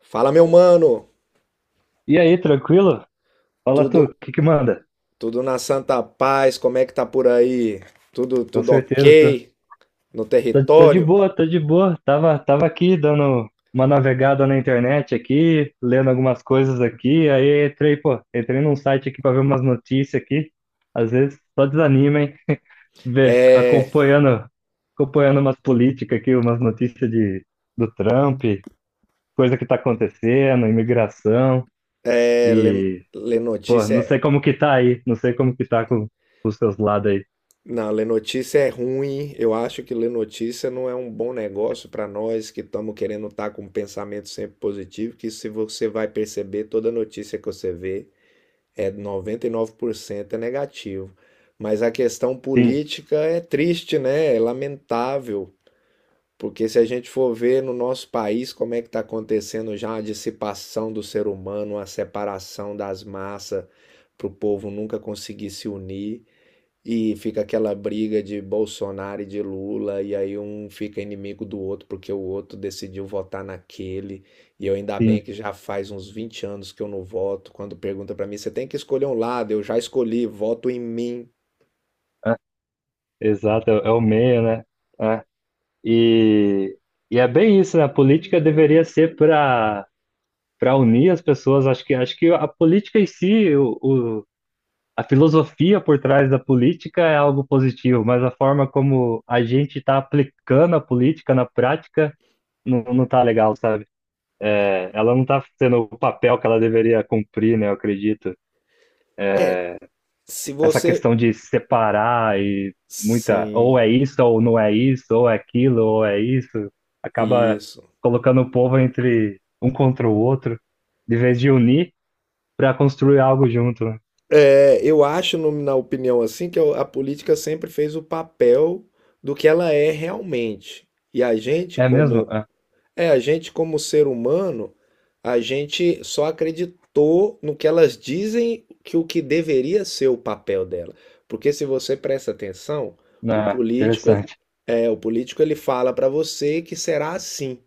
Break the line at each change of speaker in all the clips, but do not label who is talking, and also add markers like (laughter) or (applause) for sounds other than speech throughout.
Fala, meu mano.
E aí, tranquilo? Fala tu, o
Tudo
que que manda?
tudo na santa paz? Como é que tá por aí? Tudo
Com
tudo
certeza, tô,
OK no
tô de
território?
boa, tô de boa. Tava aqui dando uma navegada na internet aqui, lendo algumas coisas aqui, aí entrei, pô, entrei num site aqui pra ver umas notícias aqui. Às vezes só desanima, hein? (laughs) Ver,
É,
acompanhando umas políticas aqui, umas notícias de, do Trump, coisa que tá acontecendo, imigração
é lê,
e,
lê
pô,
notícia
não sei
é
como que tá aí, não sei como que tá com os seus lados aí.
Não, ler notícia é ruim. Eu acho que ler notícia não é um bom negócio para nós que estamos querendo estar com um pensamento sempre positivo, que se você vai perceber, toda notícia que você vê é 99% é negativo. Mas a questão
Sim.
política é triste, né? É lamentável. Porque se a gente for ver no nosso país como é que está acontecendo já a dissipação do ser humano, a separação das massas, para o povo nunca conseguir se unir, e fica aquela briga de Bolsonaro e de Lula, e aí um fica inimigo do outro porque o outro decidiu votar naquele. E eu ainda
Sim,
bem que já faz uns 20 anos que eu não voto. Quando pergunta para mim, você tem que escolher um lado, eu já escolhi, voto em mim.
é, exato, é, é o meio, né? É. E, e é bem isso, né? A política deveria ser para unir as pessoas. Acho que a política em si, o, o- a filosofia por trás da política é algo positivo, mas a forma como a gente está aplicando a política na prática não, não tá legal, sabe? É, ela não está sendo o papel que ela deveria cumprir, né? Eu acredito.
É, se
Essa
você.
questão de separar e muita, ou
Sim,
é isso, ou não é isso, ou é aquilo, ou é isso, acaba
isso.
colocando o povo entre um contra o outro, de vez de unir para construir algo junto, né?
É, eu acho, na opinião assim, que a política sempre fez o papel do que ela é realmente. E a gente,
É mesmo?
como
Ah,
a gente como ser humano, a gente só acreditou no que elas dizem que o que deveria ser o papel dela. Porque se você presta atenção, o
ah,
político, ele-
interessante.
o político ele fala para você que será assim.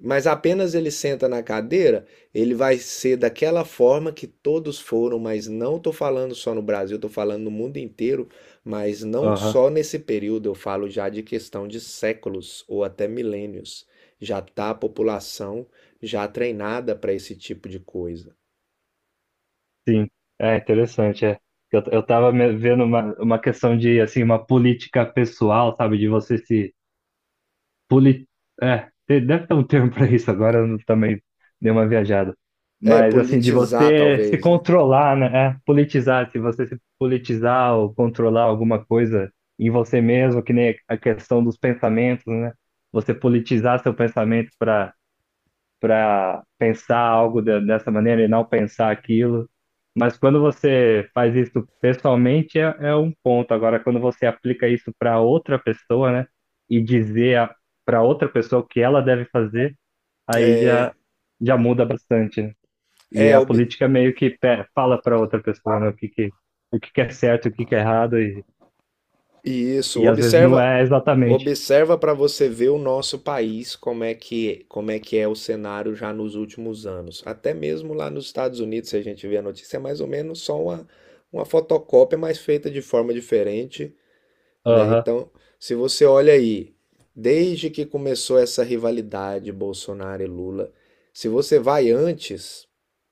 Mas apenas ele senta na cadeira, ele vai ser daquela forma que todos foram, mas não estou falando só no Brasil, estou falando no mundo inteiro, mas não
Aham,
só nesse período, eu falo já de questão de séculos ou até milênios. Já está a população já treinada para esse tipo de coisa.
sim, é interessante. É. Eu tava vendo uma questão de, assim, uma política pessoal, sabe, de você se Poli... É, deve ter um termo (laughs) para isso, agora eu também dei uma viajada.
É,
Mas, assim, de
politizar
você se
talvez, né?
controlar, né? É, politizar, se você se politizar ou controlar alguma coisa em você mesmo, que nem a questão dos pensamentos, né? Você politizar seu pensamento para pensar algo dessa maneira e não pensar aquilo. Mas quando você faz isso pessoalmente, é, é um ponto. Agora, quando você aplica isso para outra pessoa, né, e dizer para outra pessoa o que ela deve fazer, aí
É,
já, já muda bastante, né? E
é
a
ob-
política meio que fala para outra pessoa, né, o que que é certo, o que que é errado,
Isso,
e às vezes não
observa,
é exatamente.
observa para você ver o nosso país, como é que é o cenário já nos últimos anos. Até mesmo lá nos Estados Unidos, se a gente vê a notícia, é mais ou menos só uma fotocópia, mas feita de forma diferente, né?
Aham,
Então, se você olha aí, desde que começou essa rivalidade Bolsonaro e Lula, se você vai antes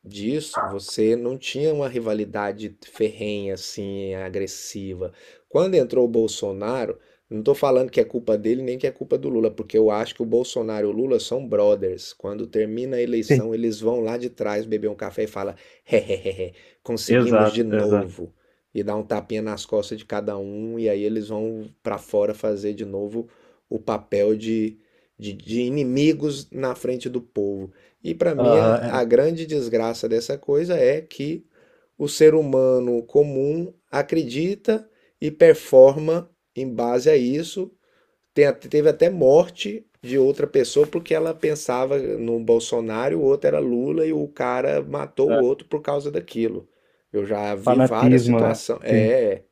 disso, você não tinha uma rivalidade ferrenha assim, agressiva. Quando entrou o Bolsonaro, não estou falando que é culpa dele nem que é culpa do Lula, porque eu acho que o Bolsonaro e o Lula são brothers. Quando termina a
sim.
eleição, eles vão lá de trás beber um café e falam: hehehe, conseguimos de
Exato, exato.
novo e dá um tapinha nas costas de cada um, e aí eles vão para fora fazer de novo o papel de inimigos na frente do povo. E para mim, a
Aham,
grande desgraça dessa coisa é que o ser humano comum acredita e performa em base a isso, tem teve até morte de outra pessoa porque ela pensava no Bolsonaro, o outro era Lula e o cara matou o
é
outro por causa daquilo. Eu já vi várias
fanatismo, né?
situações.
Sim.
É,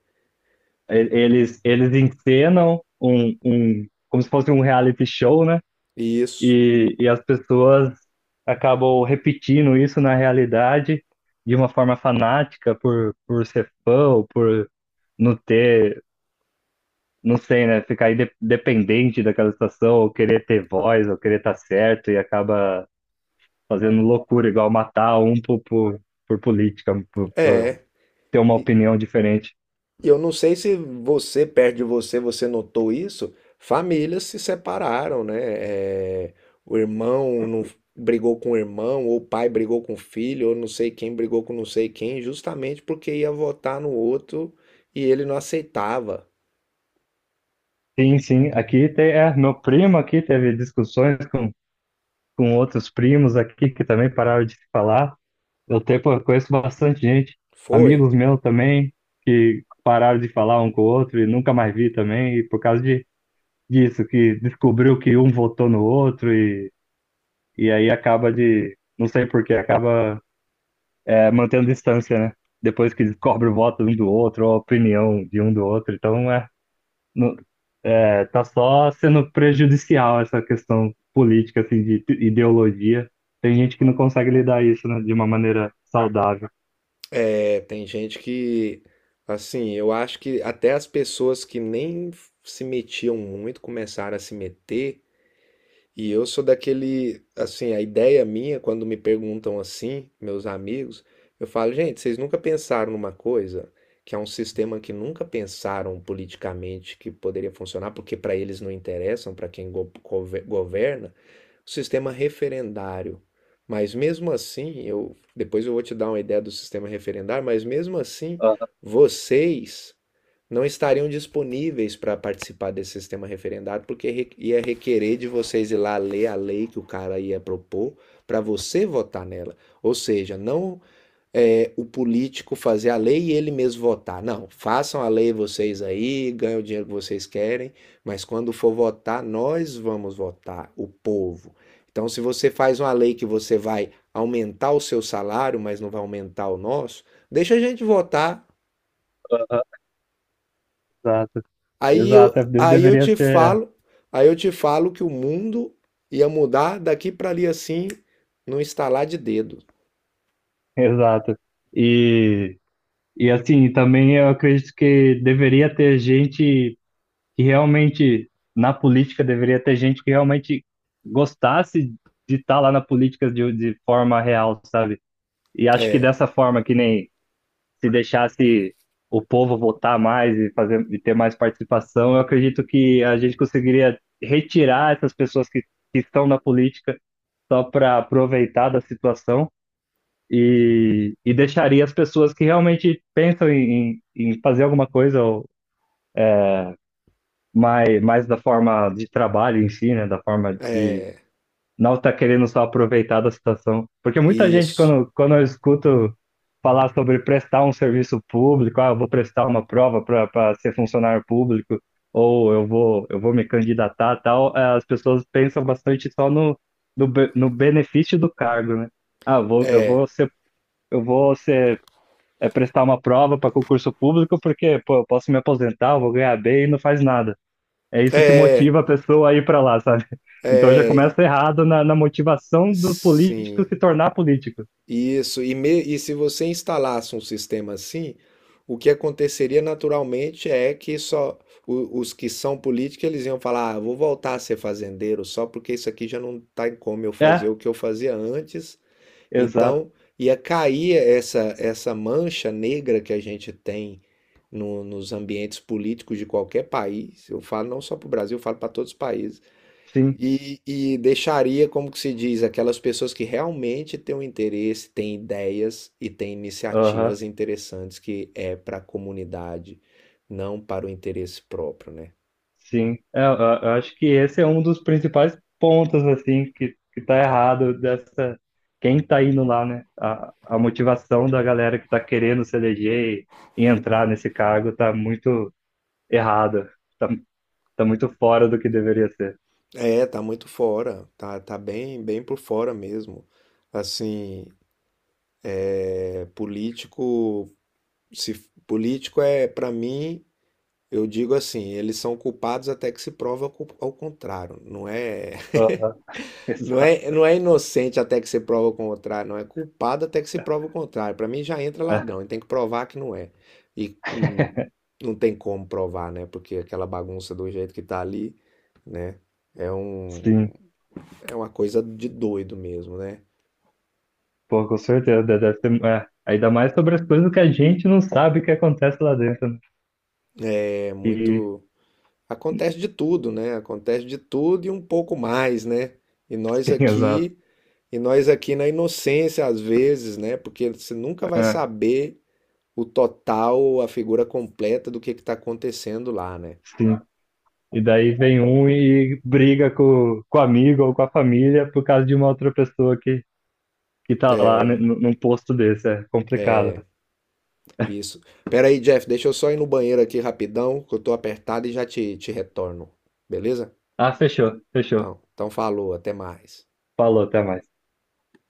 E- eles encenam um, um, como se fosse um reality show, né?
isso.
E as pessoas acabam repetindo isso na realidade de uma forma fanática por ser fã ou por não ter, não sei, né? Ficar dependente daquela situação, ou querer ter voz, ou querer estar certo, e acaba fazendo loucura, igual matar um por política, por
É.
ter uma
E
opinião diferente.
e eu não sei se você, perto de você, você notou isso. Famílias se separaram, né? É, o irmão não brigou com o irmão, ou o pai brigou com o filho, ou não sei quem brigou com não sei quem, justamente porque ia votar no outro e ele não aceitava.
Sim, sim. Aqui tem, é, meu primo aqui teve discussões com outros primos aqui que também pararam de se falar. Eu tenho, pô, eu conheço bastante gente,
Foi.
amigos meus também, que pararam de falar um com o outro e nunca mais vi também, e por causa de, disso, que descobriu que um votou no outro e aí acaba de, não sei por que, acaba é, mantendo distância, né? Depois que descobre o voto um do outro, ou a opinião de um do outro. Então, é, não, tá só sendo prejudicial essa questão política, assim, de ideologia. Tem gente que não consegue lidar isso, né, de uma maneira saudável.
É, tem gente que, assim, eu acho que até as pessoas que nem se metiam muito começaram a se meter. E eu sou daquele, assim, a ideia minha, quando me perguntam assim, meus amigos, eu falo, gente, vocês nunca pensaram numa coisa que é um sistema que nunca pensaram politicamente que poderia funcionar, porque para eles não interessam, para quem governa, o sistema referendário. Mas mesmo assim, eu depois eu vou te dar uma ideia do sistema referendário, mas mesmo assim,
Aham,
vocês não estariam disponíveis para participar desse sistema referendário, porque ia requerer de vocês ir lá ler a lei que o cara ia propor para você votar nela. Ou seja, não é, o político fazer a lei e ele mesmo votar. Não, façam a lei vocês aí, ganhem o dinheiro que vocês querem, mas quando for votar, nós vamos votar, o povo. Então, se você faz uma lei que você vai aumentar o seu salário, mas não vai aumentar o nosso, deixa a gente votar.
aham. Exato,
Aí eu,
exato, é,
aí eu
deveria
te
ser,
falo, aí eu te falo que o mundo ia mudar daqui para ali assim, num estalar de dedo.
é, exato. E, e assim, também eu acredito que deveria ter gente que realmente, na política, deveria ter gente que realmente gostasse de estar lá na política de forma real, sabe? E acho que
É,
dessa forma, que nem se deixasse o povo votar mais e fazer e ter mais participação, eu acredito que a gente conseguiria retirar essas pessoas que estão na política só para aproveitar da situação e deixaria as pessoas que realmente pensam em, em em fazer alguma coisa ou mais, mais da forma de trabalho em si, né, da forma de não tá querendo só aproveitar da situação. Porque muita gente,
isso.
quando, quando eu escuto falar sobre prestar um serviço público, ah, eu vou prestar uma prova para ser funcionário público, ou eu vou me candidatar, tal, eh, as pessoas pensam bastante só no, no, no benefício do cargo, né? Ah, eu vou ser, eh, prestar uma prova para concurso público porque, pô, eu posso me aposentar, eu vou ganhar bem e não faz nada. É isso que
É,
motiva a pessoa a ir para lá, sabe? (laughs) Então já começa errado na, na motivação do político
sim,
se tornar político.
isso. E se você instalasse um sistema assim, o que aconteceria naturalmente é que só os que são políticos eles iam falar, ah, vou voltar a ser fazendeiro só porque isso aqui já não está em como eu fazer
É,
o que eu fazia antes.
exato.
Então, ia cair essa mancha negra que a gente tem nos ambientes políticos de qualquer país. Eu falo não só para o Brasil, eu falo para todos os países.
Sim.
E deixaria, como que se diz, aquelas pessoas que realmente têm um interesse, têm ideias e têm
Aham.
iniciativas interessantes que é para a comunidade, não para o interesse próprio, né?
Sim. É, eu, eu acho que esse é um dos principais pontos, assim, que tá errado dessa. Quem tá indo lá, né? A motivação da galera que tá querendo se eleger e entrar nesse cargo tá muito errada. Tá, tá muito fora do que deveria ser.
É, tá muito fora, tá bem, bem por fora mesmo. Assim, é, político Se f- político é, para mim, eu digo assim, eles são culpados até que se prova ao contrário. Não é,
Aham, (laughs)
(laughs) não é,
exato.
não é inocente até que se prova o contrário, não é culpado até que se prova o contrário. Para mim já entra
É,
ladrão, e tem que provar que não é. E hum, não tem como provar, né? Porque aquela bagunça do jeito que tá ali, né? É um,
sim.
é uma coisa de doido mesmo, né?
Pô, com certeza, deve ter, é, ainda mais sobre as coisas que a gente não sabe que acontece lá dentro, né?
É
E
muito, Acontece de tudo, né? Acontece de tudo e um pouco mais, né? E nós
sim, (laughs) exato.
aqui E nós aqui na inocência, às vezes, né? Porque você nunca vai
É,
saber o total, a figura completa do que está acontecendo lá, né?
sim. E daí vem um e briga com o amigo ou com a família por causa de uma outra pessoa que tá lá né, num num posto desse. É complicado.
Isso. Pera aí, Jeff, deixa eu só ir no banheiro aqui rapidão, que eu tô apertado e já te retorno. Beleza?
Ah, fechou, fechou.
Então falou, até mais.
Falou, até mais.